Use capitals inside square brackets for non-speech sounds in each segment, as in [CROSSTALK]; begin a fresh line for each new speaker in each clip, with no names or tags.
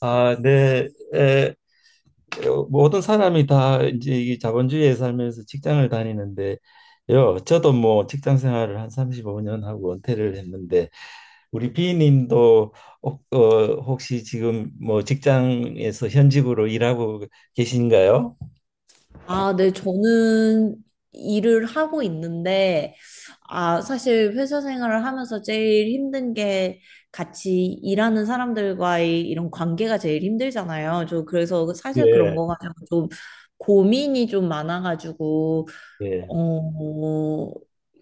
아, 네. 에, 모든 사람이 다 이제 이 자본주의에 살면서 직장을 다니는데요. 저도 뭐 직장 생활을 한 35년 하고 은퇴를 했는데 우리 비님도 혹시 지금 뭐 직장에서 현직으로 일하고 계신가요?
아, 네, 저는 일을 하고 있는데, 사실 회사 생활을 하면서 제일 힘든 게 같이 일하는 사람들과의 이런 관계가 제일 힘들잖아요. 저 그래서 사실 그런
예,
거 가지고 좀 고민이 좀 많아가지고,
예,
어,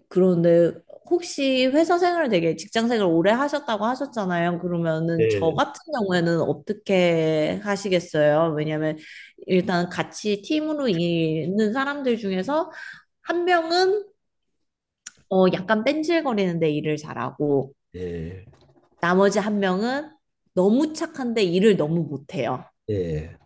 그런데 혹시 회사 생활 되게 직장 생활 오래 하셨다고 하셨잖아요. 그러면은 저
예,
같은 경우에는 어떻게 하시겠어요? 왜냐면 일단 같이 팀으로 있는 사람들 중에서 한 명은 약간 뺀질거리는데 일을 잘하고
예,
나머지 한 명은 너무 착한데 일을 너무 못해요.
예.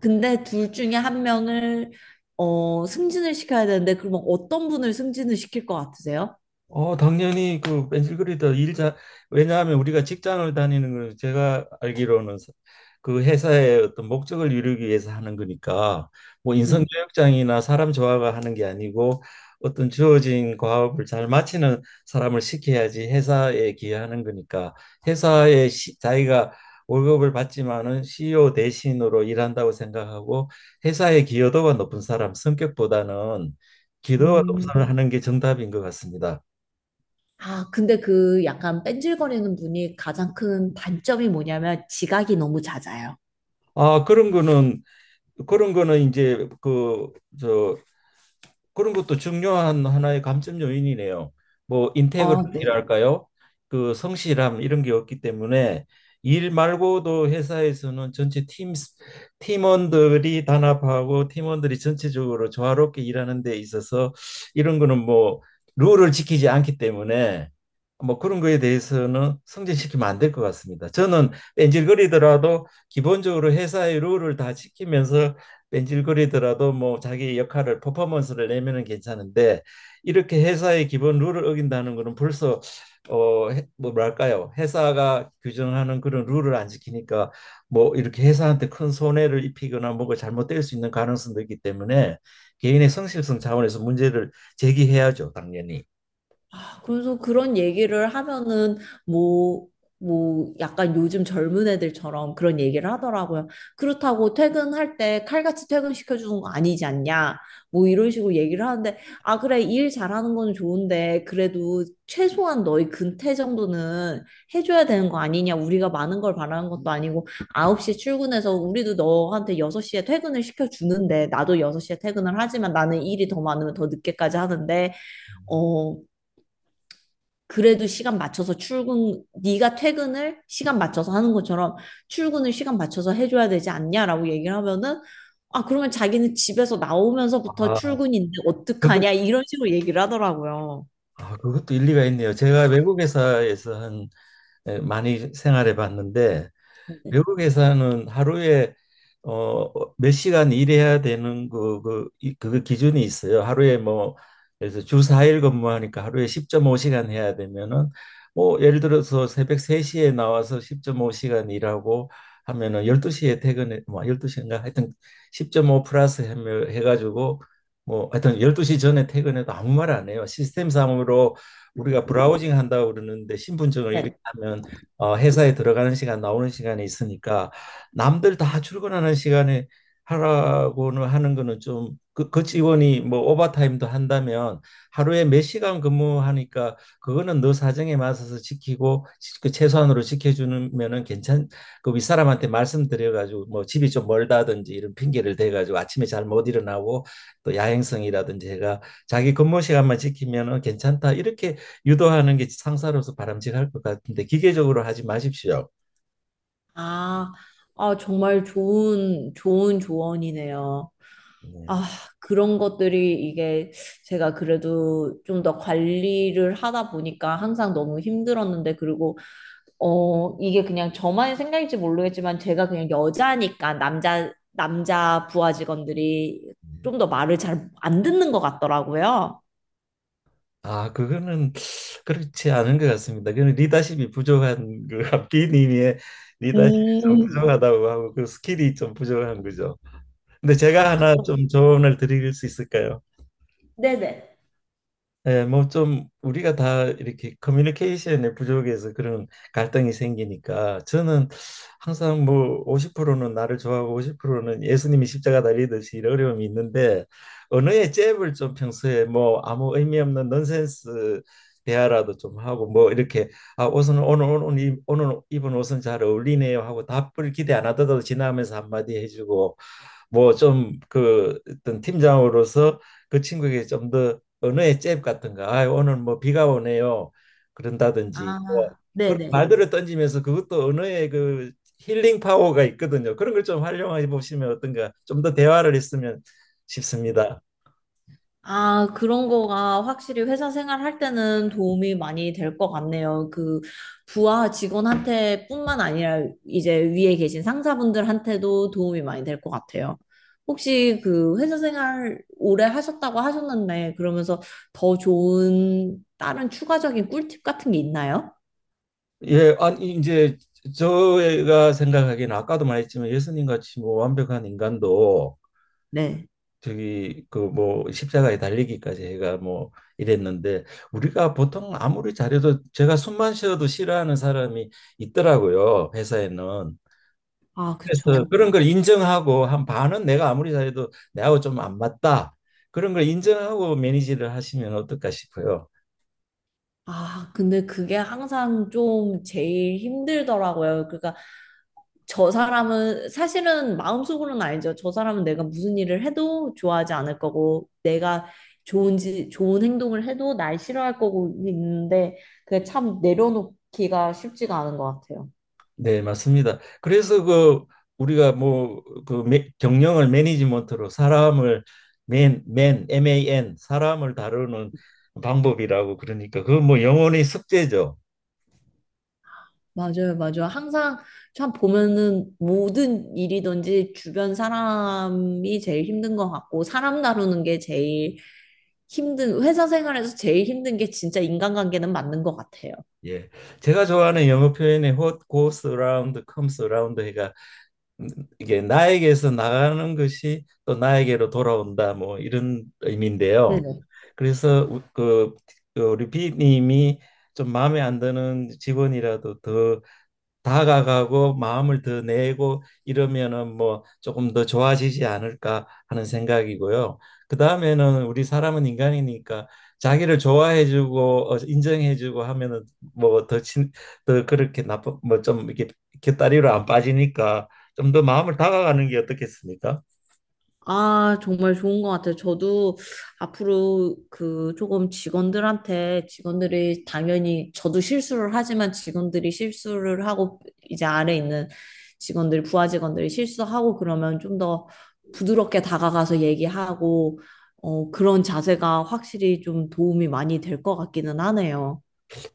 근데 둘 중에 한 명을 승진을 시켜야 되는데 그러면 어떤 분을 승진을 시킬 것 같으세요?
당연히 그 벤질그리더 일자 왜냐하면 우리가 직장을 다니는 건 제가 알기로는 그 회사의 어떤 목적을 이루기 위해서 하는 거니까 뭐 인성
네.
교육장이나 사람 조화가 하는 게 아니고 어떤 주어진 과업을 잘 마치는 사람을 시켜야지 회사에 기여하는 거니까 회사에 자기가 월급을 받지만은 CEO 대신으로 일한다고 생각하고 회사의 기여도가 높은 사람 성격보다는 기여도가 높은
음,
사람을 하는 게 정답인 것 같습니다.
근데 그 약간 뺀질거리는 분이 가장 큰 단점이 뭐냐면 지각이 너무 잦아요.
아, 그런 거는 이제 저, 그런 것도 중요한 하나의 감점 요인이네요. 뭐
아, 네.
인테그리티랄까요? 그 성실함 이런 게 없기 때문에 일 말고도 회사에서는 전체 팀 팀원들이 단합하고 팀원들이 전체적으로 조화롭게 일하는 데 있어서 이런 거는 뭐 룰을 지키지 않기 때문에 뭐 그런 거에 대해서는 승진시키면 안 될 것 같습니다. 저는 뺀질거리더라도 기본적으로 회사의 룰을 다 지키면서 뺀질거리더라도 뭐 자기 역할을 퍼포먼스를 내면은 괜찮은데 이렇게 회사의 기본 룰을 어긴다는 거는 벌써 어뭐 뭐랄까요? 회사가 규정하는 그런 룰을 안 지키니까 뭐 이렇게 회사한테 큰 손해를 입히거나 뭐가 잘못될 수 있는 가능성도 있기 때문에 개인의 성실성 차원에서 문제를 제기해야죠, 당연히.
그래서 그런 얘기를 하면은 뭐, 뭐 약간 요즘 젊은 애들처럼 그런 얘기를 하더라고요. 그렇다고 퇴근할 때 칼같이 퇴근시켜 주는 거 아니지 않냐? 뭐 이런 식으로 얘기를 하는데, 아, 그래, 일 잘하는 건 좋은데 그래도 최소한 너희 근태 정도는 해줘야 되는 거 아니냐? 우리가 많은 걸 바라는 것도 아니고 9시 출근해서 우리도 너한테 6시에 퇴근을 시켜 주는데 나도 6시에 퇴근을 하지만 나는 일이 더 많으면 더 늦게까지 하는데, 어 그래도 시간 맞춰서 출근, 네가 퇴근을 시간 맞춰서 하는 것처럼 출근을 시간 맞춰서 해줘야 되지 않냐라고 얘기를 하면은, 아, 그러면 자기는 집에서 나오면서부터
아
출근인데
그거
어떡하냐 이런 식으로 얘기를 하더라고요.
아, 그것도 일리가 있네요. 제가 외국 회사에서 한 많이 생활해 봤는데 외국에서는 하루에 어, 몇 시간 일해야 되는 그 기준이 있어요. 하루에 뭐, 그래서 주 4일 근무하니까 하루에 10.5시간 해야 되면은, 뭐, 예를 들어서 새벽 3시에 나와서 10.5시간 일하고 하면은 12시에 퇴근해, 뭐, 12시인가? 하여튼 10.5 플러스 해가지고, 뭐, 하여튼 12시 전에 퇴근해도 아무 말 안 해요. 시스템상으로 우리가 브라우징 한다고 그러는데 신분증을 이렇게
네.
하면 회사에 들어가는 시간 나오는 시간이 있으니까 남들 다 출근하는 시간에 하라고는 하는 거는 좀 그 직원이 뭐 오버타임도 한다면 하루에 몇 시간 근무하니까 그거는 너 사정에 맞춰서 지키고 그 최소한으로 지켜주면은 괜찮 그 윗사람한테 말씀드려 가지고 뭐 집이 좀 멀다든지 이런 핑계를 대 가지고 아침에 잘 못 일어나고 또 야행성이라든지 해가 자기 근무 시간만 지키면은 괜찮다 이렇게 유도하는 게 상사로서 바람직할 것 같은데 기계적으로 하지 마십시오.
아, 아, 정말 좋은 조언이네요.
네.
아, 그런 것들이 이게 제가 그래도 좀 더 관리를 하다 보니까 항상 너무 힘들었는데, 그리고 이게 그냥 저만의 생각일지 모르겠지만 제가 그냥 여자니까 남자 부하 직원들이 좀 더 말을 잘 안 듣는 것 같더라고요.
아, 그거는 그렇지 않은 것 같습니다. 그는 리더십이 부족한 그 B님의 리더십이 좀
음,
부족하다고 하고 그 스킬이 좀 부족한 거죠. 근데 제가 하나
그쵸.
좀 조언을 드릴 수 있을까요?
네네.
예, 뭐좀 우리가 다 이렇게 커뮤니케이션의 부족에서 그런 갈등이 생기니까 저는 항상 뭐 50%는 나를 좋아하고 50%는 예수님이 십자가 달리듯이 이런 어려움이 있는데 언어의 잽을 좀 평소에 뭐 아무 의미 없는 넌센스 대화라도 좀 하고 뭐 이렇게 아, 옷은 오늘 오늘 이- 오늘 입은 옷은 잘 어울리네요 하고 답을 기대 안 하더라도 지나면서 한마디 해주고 뭐 좀 그 어떤 팀장으로서 그 친구에게 좀 더 언어의 잽 같은 거, 아, 오늘 뭐 비가 오네요. 그런다든지 뭐
아,
그런
네네.
말들을 던지면서 그것도 언어의 그 힐링 파워가 있거든요. 그런 걸 좀 활용해 보시면 어떤가, 좀 더 대화를 했으면 싶습니다.
아, 그런 거가 확실히 회사 생활할 때는 도움이 많이 될 것 같네요. 그 부하 직원한테뿐만 아니라 이제 위에 계신 상사분들한테도 도움이 많이 될 것 같아요. 혹시 그 회사 생활 오래 하셨다고 하셨는데 그러면서 더 좋은 다른 추가적인 꿀팁 같은 게 있나요?
예, 아니 이제 저희가 생각하기에는 아까도 말했지만 예수님 같이 뭐 완벽한 인간도
네.
저기 그 뭐 십자가에 달리기까지 해가 뭐 이랬는데 우리가 보통 아무리 잘해도 제가 숨만 쉬어도 싫어하는 사람이 있더라고요, 회사에는.
아,
그래서
그쵸.
그런 걸 인정하고 한 반은 내가 아무리 잘해도 내하고 좀 안 맞다 그런 걸 인정하고 매니지를 하시면 어떨까 싶어요.
아, 근데 그게 항상 좀 제일 힘들더라고요. 그러니까 저 사람은 사실은 마음속으로는 알죠. 저 사람은 내가 무슨 일을 해도 좋아하지 않을 거고 내가 좋은지 좋은 행동을 해도 날 싫어할 거고 있는데 그게 참 내려놓기가 쉽지가 않은 것 같아요.
네, 맞습니다. 그래서 그 우리가 뭐 그 경영을 매니지먼트로 사람을 MAN 사람을 다루는 방법이라고 그러니까 그 뭐 영혼의 숙제죠.
맞아요, 맞아요. 항상 참 보면은 모든 일이든지 주변 사람이 제일 힘든 것 같고 사람 다루는 게 제일 힘든 회사 생활에서 제일 힘든 게 진짜 인간관계는 맞는 것 같아요.
예. 제가 좋아하는 영어 표현의 what goes around comes around 해가 음, 이게 나에게서 나가는 것이 또 나에게로 돌아온다 뭐 이런 의미인데요.
네네.
그래서 그 우리 비님이 좀 마음에 안 드는 직원이라도 더 다가가고 마음을 더 내고 이러면은 뭐 조금 더 좋아지지 않을까 하는 생각이고요. 그다음에는 우리 사람은 인간이니까 자기를 좋아해주고 인정해주고 하면은 뭐더친더 그렇게 나쁜 뭐 좀 이렇게 곁다리로 안 빠지니까 좀 더 마음을 다가가는 게 어떻겠습니까?
아, 정말 좋은 것 같아요. 저도 앞으로 그 조금 직원들한테 직원들이 당연히 저도 실수를 하지만 직원들이 실수를 하고 이제 아래 있는 직원들, 부하 직원들이 실수하고 그러면 좀 더 부드럽게 다가가서 얘기하고 그런 자세가 확실히 좀 도움이 많이 될 것 같기는 하네요.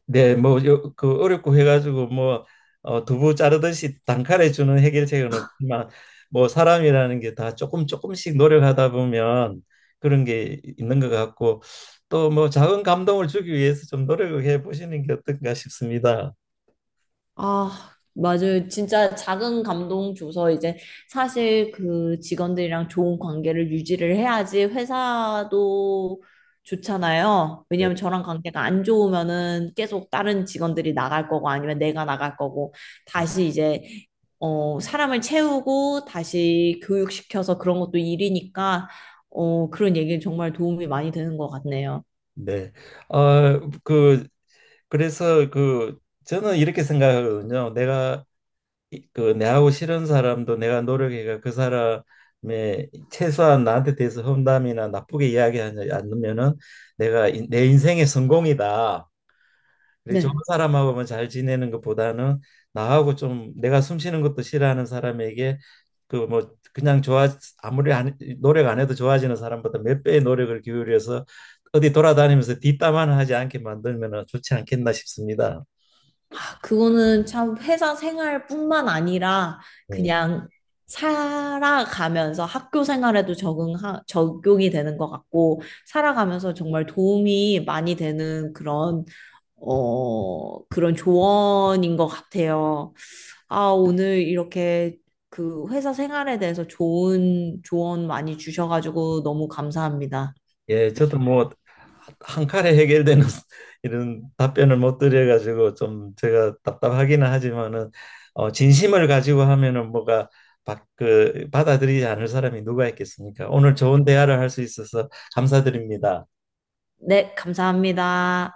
네, 뭐, 어렵고 해가지고, 뭐, 두부 자르듯이 단칼에 주는 해결책은 없지만, 뭐, 사람이라는 게 다 조금 조금씩 노력하다 보면 그런 게 있는 것 같고, 또 뭐, 작은 감동을 주기 위해서 좀 노력을 해 보시는 게 어떤가 싶습니다.
아, 맞아요. 진짜 작은 감동 줘서 이제 사실 그 직원들이랑 좋은 관계를 유지를 해야지 회사도 좋잖아요. 왜냐하면 저랑 관계가 안 좋으면은 계속 다른 직원들이 나갈 거고 아니면 내가 나갈 거고 다시 이제 사람을 채우고 다시 교육시켜서 그런 것도 일이니까 그런 얘기는 정말 도움이 많이 되는 것 같네요.
네. 어, 그, 그래서 그, 저는 이렇게 생각하거든요. 내가 그 내하고 싫은 사람도 내가 노력해가 그 사람의 최소한 나한테 대해서 험담이나 나쁘게 이야기하지 않으면은 내가 내 인생의 성공이다. 그리고 좋은
네.
사람하고만 잘 지내는 것보다는 나하고 좀 내가 숨 쉬는 것도 싫어하는 사람에게 그 뭐 그냥 좋아 아무리 안, 노력 안 해도 좋아지는 사람보다 몇 배의 노력을 기울여서 어디 돌아다니면서 뒷담화는 하지 않게 만들면은 좋지 않겠나 싶습니다.
아, 그거는 참 회사 생활뿐만 아니라
네.
그냥 살아가면서 학교 생활에도 적용이 되는 것 같고, 살아가면서 정말 도움이 많이 되는 그런, 그런 조언인 것 같아요. 아, 오늘 이렇게 그 회사 생활에 대해서 좋은 조언 많이 주셔가지고 너무 감사합니다.
예, 저도 뭐 한 칼에 해결되는 [LAUGHS] 이런 답변을 못 드려가지고 좀 제가 답답하기는 하지만은 진심을 가지고 하면은 뭐가 받아들이지 않을 사람이 누가 있겠습니까? 오늘 좋은 대화를 할 수 있어서 감사드립니다.
네, 감사합니다.